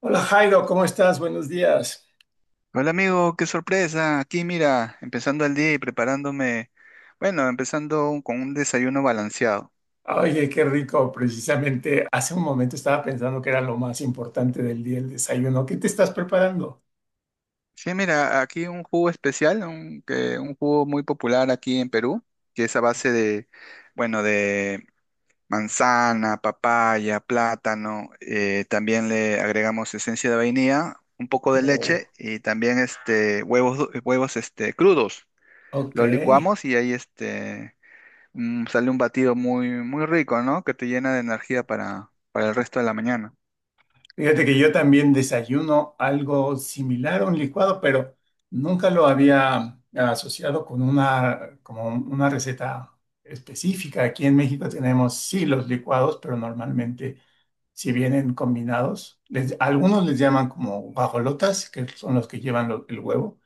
Hola Jairo, ¿cómo estás? Buenos días. Hola amigo, qué sorpresa. Aquí mira, empezando el día y preparándome, bueno, con un desayuno balanceado. Oye, qué rico. Precisamente hace un momento estaba pensando que era lo más importante del día, el desayuno. ¿Qué te estás preparando? Sí, mira, aquí un jugo especial, un jugo muy popular aquí en Perú, que es a base de, bueno, de manzana, papaya, plátano. También le agregamos esencia de vainilla, un poco de Oh, leche y también huevos, huevos crudos. ok. Lo licuamos y ahí sale un batido muy, muy rico, ¿no? Que te llena de energía para el resto de la mañana. Fíjate que yo también desayuno algo similar a un licuado, pero nunca lo había asociado con una, como una receta específica. Aquí en México tenemos sí los licuados, pero normalmente si vienen combinados. Les- algunos les llaman como guajolotas, que son los que llevan lo- el huevo,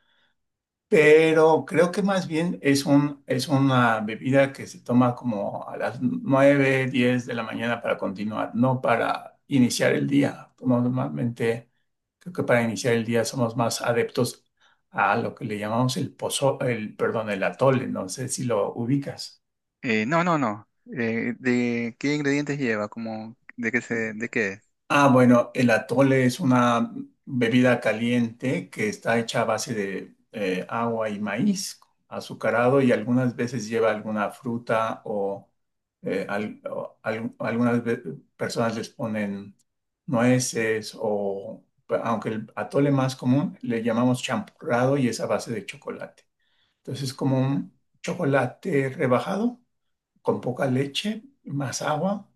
pero creo que más bien es un, es una bebida que se toma como a las 9:10 de la mañana para continuar, no para iniciar el día. Normalmente creo que para iniciar el día somos más adeptos a lo que le llamamos el pozo, el, perdón, el atole, no sé si lo ubicas. No, no, no. ¿De qué ingredientes lleva? Como, de qué es? Ah, bueno, el atole es una bebida caliente que está hecha a base de agua y maíz azucarado y algunas veces lleva alguna fruta o, eh, al- o al- algunas ve- personas les ponen nueces o, pues, aunque el atole más común le llamamos champurrado y es a base de chocolate. Entonces es como un chocolate rebajado con poca leche, más agua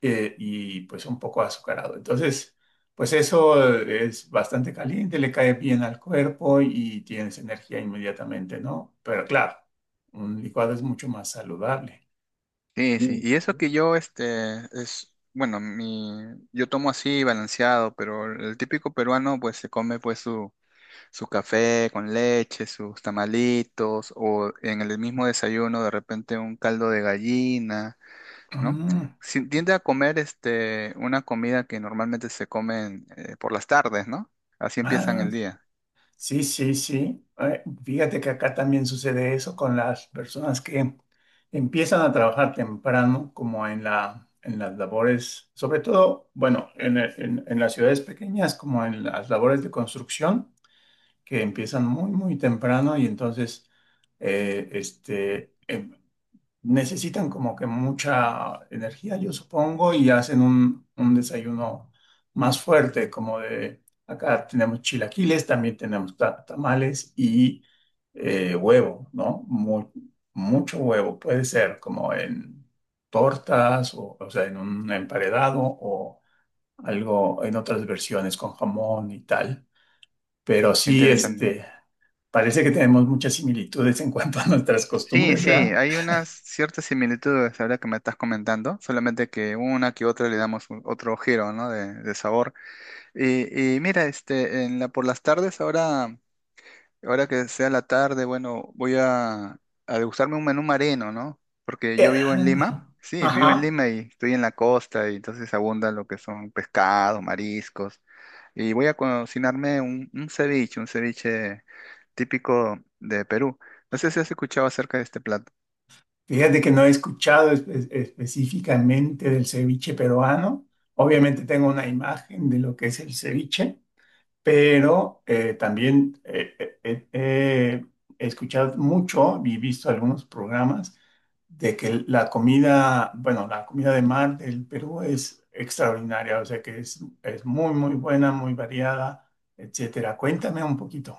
y pues un poco azucarado. Entonces, pues eso es bastante caliente, le cae bien al cuerpo y tienes energía inmediatamente, ¿no? Pero claro, un licuado es mucho más saludable. Sí, sí. Y eso que yo, es, bueno, mi, yo tomo así balanceado, pero el típico peruano, pues, se come, pues, su café con leche, sus tamalitos, o en el mismo desayuno, de repente, un caldo de gallina, ¿no? Mm, Tiende a comer una comida que normalmente se comen por las tardes, ¿no? Así empiezan ah, el día. sí, sí, sí. Fíjate que acá también sucede eso con las personas que empiezan a trabajar temprano, como en la, en las labores, sobre todo, bueno, en las ciudades pequeñas, como en las labores de construcción que empiezan muy, muy temprano y entonces eh, este, em, necesitan como que mucha energía, yo supongo, y hacen un desayuno más fuerte, como de acá tenemos chilaquiles, también tenemos tamales y huevo, ¿no? Mucho huevo, puede ser como en tortas o sea, en un emparedado o algo en otras versiones con jamón y tal. Pero Qué sí, mm, interesante. este, parece que tenemos muchas similitudes en cuanto a nuestras Sí, costumbres, sí, ¿verdad? hay unas ciertas similitudes ahora que me estás comentando, solamente que una que otra le damos otro giro, ¿no? De sabor. Y mira, por las tardes ahora que sea la tarde, bueno, voy a degustarme un menú marino, ¿no? Porque yo Eh, vivo en Lima, sí, vivo en Ajá. Lima y estoy en la costa y entonces abundan lo que son pescados, mariscos. Y voy a cocinarme un ceviche típico de Perú. No sé si has escuchado acerca de este plato. Fíjate que no he escuchado específicamente del ceviche peruano. Obviamente tengo una imagen de lo que es el ceviche, pero también he escuchado mucho y visto algunos programas de que la comida, bueno, la comida de mar del Perú es extraordinaria, o sea que es muy, muy buena, muy variada, etcétera. Cuéntame un poquito.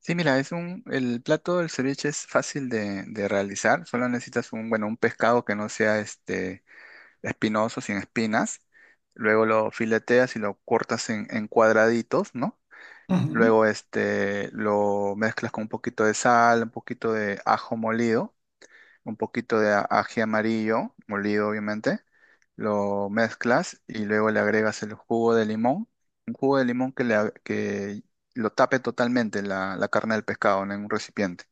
Sí, mira, el plato del ceviche es fácil de realizar, solo necesitas un, bueno, un pescado que no sea este espinosos y en espinas. Luego lo fileteas y lo cortas en cuadraditos, ¿no? Luego lo mezclas con un poquito de sal, un poquito de ajo molido, un poquito de ají amarillo, molido obviamente. Lo mezclas y luego le agregas el jugo de limón. Un jugo de limón que lo tape totalmente la, la carne del pescado, ¿no? En un recipiente.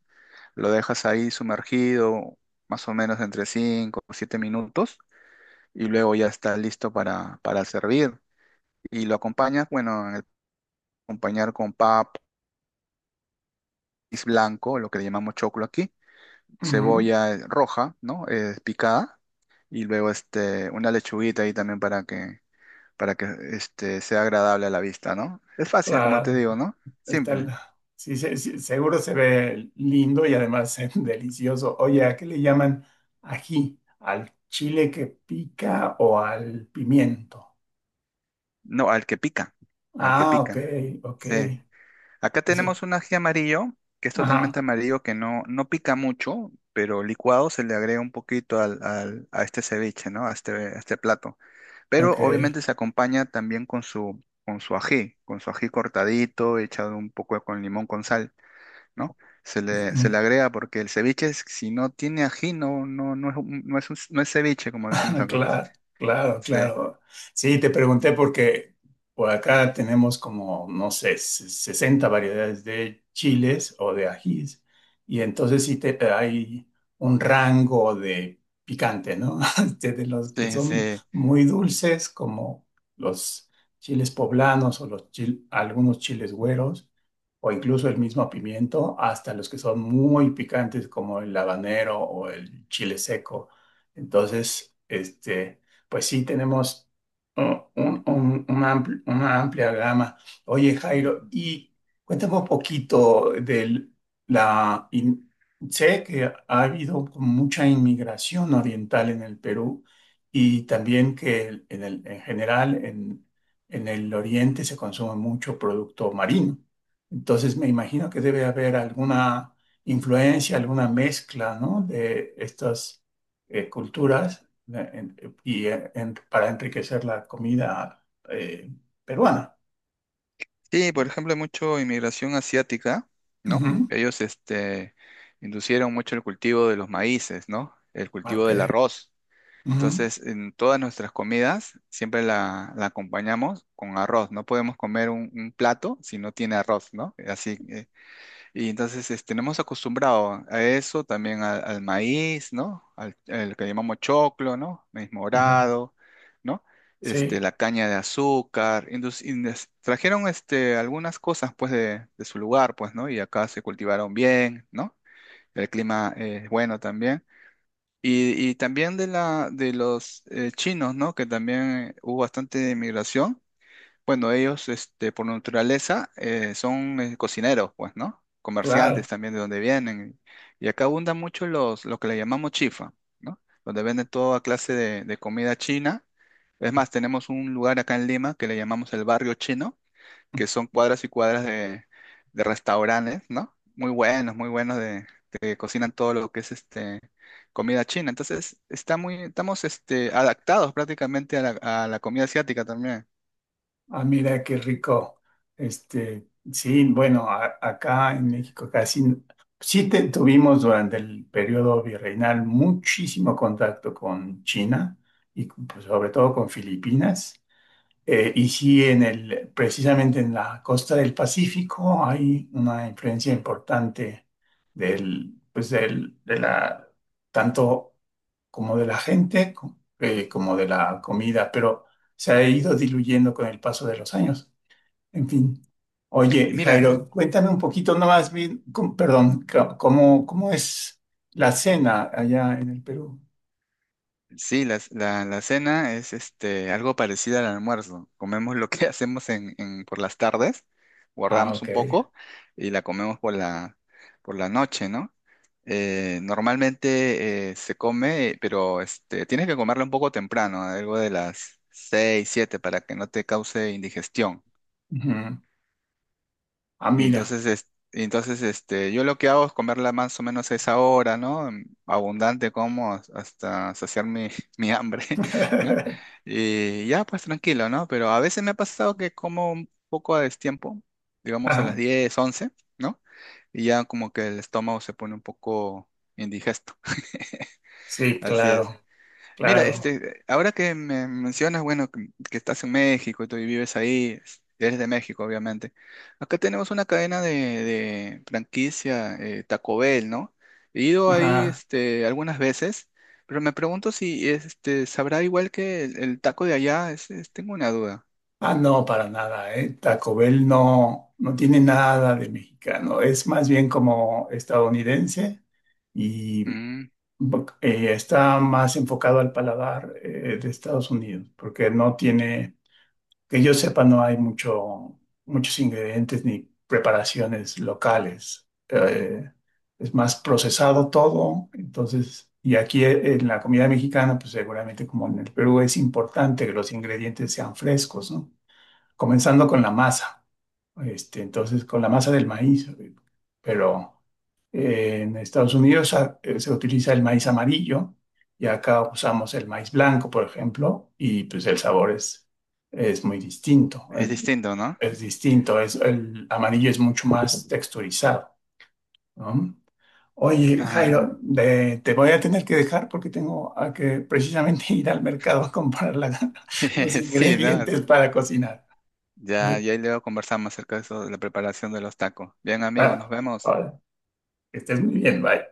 Lo dejas ahí sumergido más o menos entre 5 o 7 minutos y luego ya está listo para servir. Y lo acompañas, bueno, acompañar con pap maíz blanco, lo que le llamamos choclo aquí, Ujú, ujú, cebolla roja, ¿no? Picada, y luego una lechuguita ahí también para que sea agradable a la vista, ¿no? Es fácil, como te claro, digo, ¿no? está Simple. Sí, sí, seguro se ve lindo y además delicioso. Oye, ¿a qué le llaman ají? ¿Al chile que pica o al pimiento? No, al que pica, al que Ah, ok, pica. ok. Sí. Acá Ese- tenemos un ají amarillo, que es totalmente ajá, amarillo, que no, no pica mucho, pero licuado se le agrega un poquito a este ceviche, ¿no? A este plato. Pero ok. obviamente se acompaña también con con su ají cortadito, echado un poco con limón con sal, ¿no? Se le agrega porque el ceviche, si no tiene ají, no, no, no es, no es, no es ceviche, como decimos Claro, acá. claro, claro, Sí, claro. Sí, te pregunté porque por acá tenemos como, no sé, 60 variedades de chiles o de ajís. Y entonces sí te, hay un rango de picante, ¿no? Desde los que sí, son sí. muy dulces, como los chiles poblanos o los algunos chiles güeros, o incluso el mismo pimiento, hasta los que son muy picantes, como el habanero o el chile seco. Entonces, este, pues sí, tenemos uh, una amplia gama. Oye, Jairo, y cuéntame un poquito de la... in- sé que ha habido como mucha inmigración oriental en el Perú y también que en general en el oriente se consume mucho producto marino. Entonces, me imagino que debe haber alguna influencia, alguna mezcla, ¿no? De estas culturas eh, en- para enriquecer la comida eh, peruana. Sí, por ejemplo, hay mucha inmigración asiática, ¿no? Ujú, Ellos, inducieron mucho el cultivo de los maíces, ¿no? El cultivo ok, del arroz. ujú, Entonces, en todas nuestras comidas siempre la acompañamos con arroz. No podemos comer un plato si no tiene arroz, ¿no? Así, y entonces nos hemos acostumbrado a eso, también al maíz, ¿no? Al que llamamos choclo, ¿no? Maíz ah, morado, ¿no? Este, sí, la caña de azúcar. Trajeron algunas cosas, pues, de su lugar, pues, ¿no? Y acá se cultivaron bien, ¿no? El clima es bueno también. Y también de los chinos, ¿no? Que también hubo bastante migración, bueno, ellos, por naturaleza, son cocineros, pues, ¿no? Comerciantes claro. también de donde vienen. Y acá abundan mucho los, lo que le llamamos chifa, ¿no? Donde venden toda clase de comida china. Es más, tenemos un lugar acá en Lima que le llamamos el barrio chino, que son cuadras y cuadras de restaurantes, ¿no? Muy buenos de, que cocinan todo lo que es este comida china. Entonces, está muy, estamos adaptados prácticamente a la comida asiática también. Ah, mira qué rico. Este, sí, bueno, acá en México casi sí tuvimos durante el periodo virreinal muchísimo contacto con China y pues, sobre todo con Filipinas. Y sí, en el, precisamente en la costa del Pacífico hay una influencia importante del, pues del, de la, tanto como de la gente como de la comida, pero se ha ido diluyendo con el paso de los años. En fin. Y Oye, mira, Jairo, cuéntame un poquito nomás bien, ¿cómo, cómo es la cena allá en el Perú? sí, la cena es algo parecido al almuerzo. Comemos lo que hacemos en, por las tardes, Ah, guardamos ok. un poco y la comemos por la noche, ¿no? Normalmente se come, pero tienes que comerla un poco temprano, algo de las 6, 7, para que no te cause indigestión. Ujú. Ah, Y mira. entonces, y entonces yo lo que hago es comerla más o menos a esa hora, ¿no? Abundante hasta saciar mi, mi hambre, ¿no? Y ya, pues tranquilo, ¿no? Pero a veces me ha pasado que como un poco a destiempo, digamos a las Ajá. 10 u 11, ¿no? Y ya como que el estómago se pone un poco indigesto. Sí, Así es. claro. Mira, Claro. Ahora que me mencionas, bueno, que estás en México y tú vives ahí, eres de México, obviamente. Acá tenemos una cadena de franquicia, Taco Bell, ¿no? He ido ahí, Ajá. Algunas veces, pero me pregunto si, sabrá igual que el taco de allá. Tengo una duda. Ah, no, para nada, ¿eh? Taco Bell no, no tiene nada de mexicano. Es más bien como estadounidense y Mm, está más enfocado al paladar de Estados Unidos, porque no tiene que yo sepa, no hay mucho, muchos ingredientes ni preparaciones locales. Es más procesado todo. Entonces, y aquí en la comida mexicana, pues seguramente como en el Perú, es importante que los ingredientes sean frescos, ¿no? Comenzando con la masa. Este, entonces, con la masa del maíz. Pero en Estados Unidos se utiliza el maíz amarillo y acá usamos el maíz blanco, por ejemplo, y pues el sabor es muy distinto. es distinto, ¿no? Es distinto, es, el amarillo es mucho más texturizado, ¿no? Oye, Ajá. Jairo, te voy a tener que dejar porque tengo a que precisamente ir al mercado a comprar los Sí, nada. ingredientes para cocinar. ¿Eh? Ya, ya luego conversamos acerca de eso, de la preparación de los tacos. Bien, amigos, nos Ah, vemos. ahora, que estés muy bien, bye.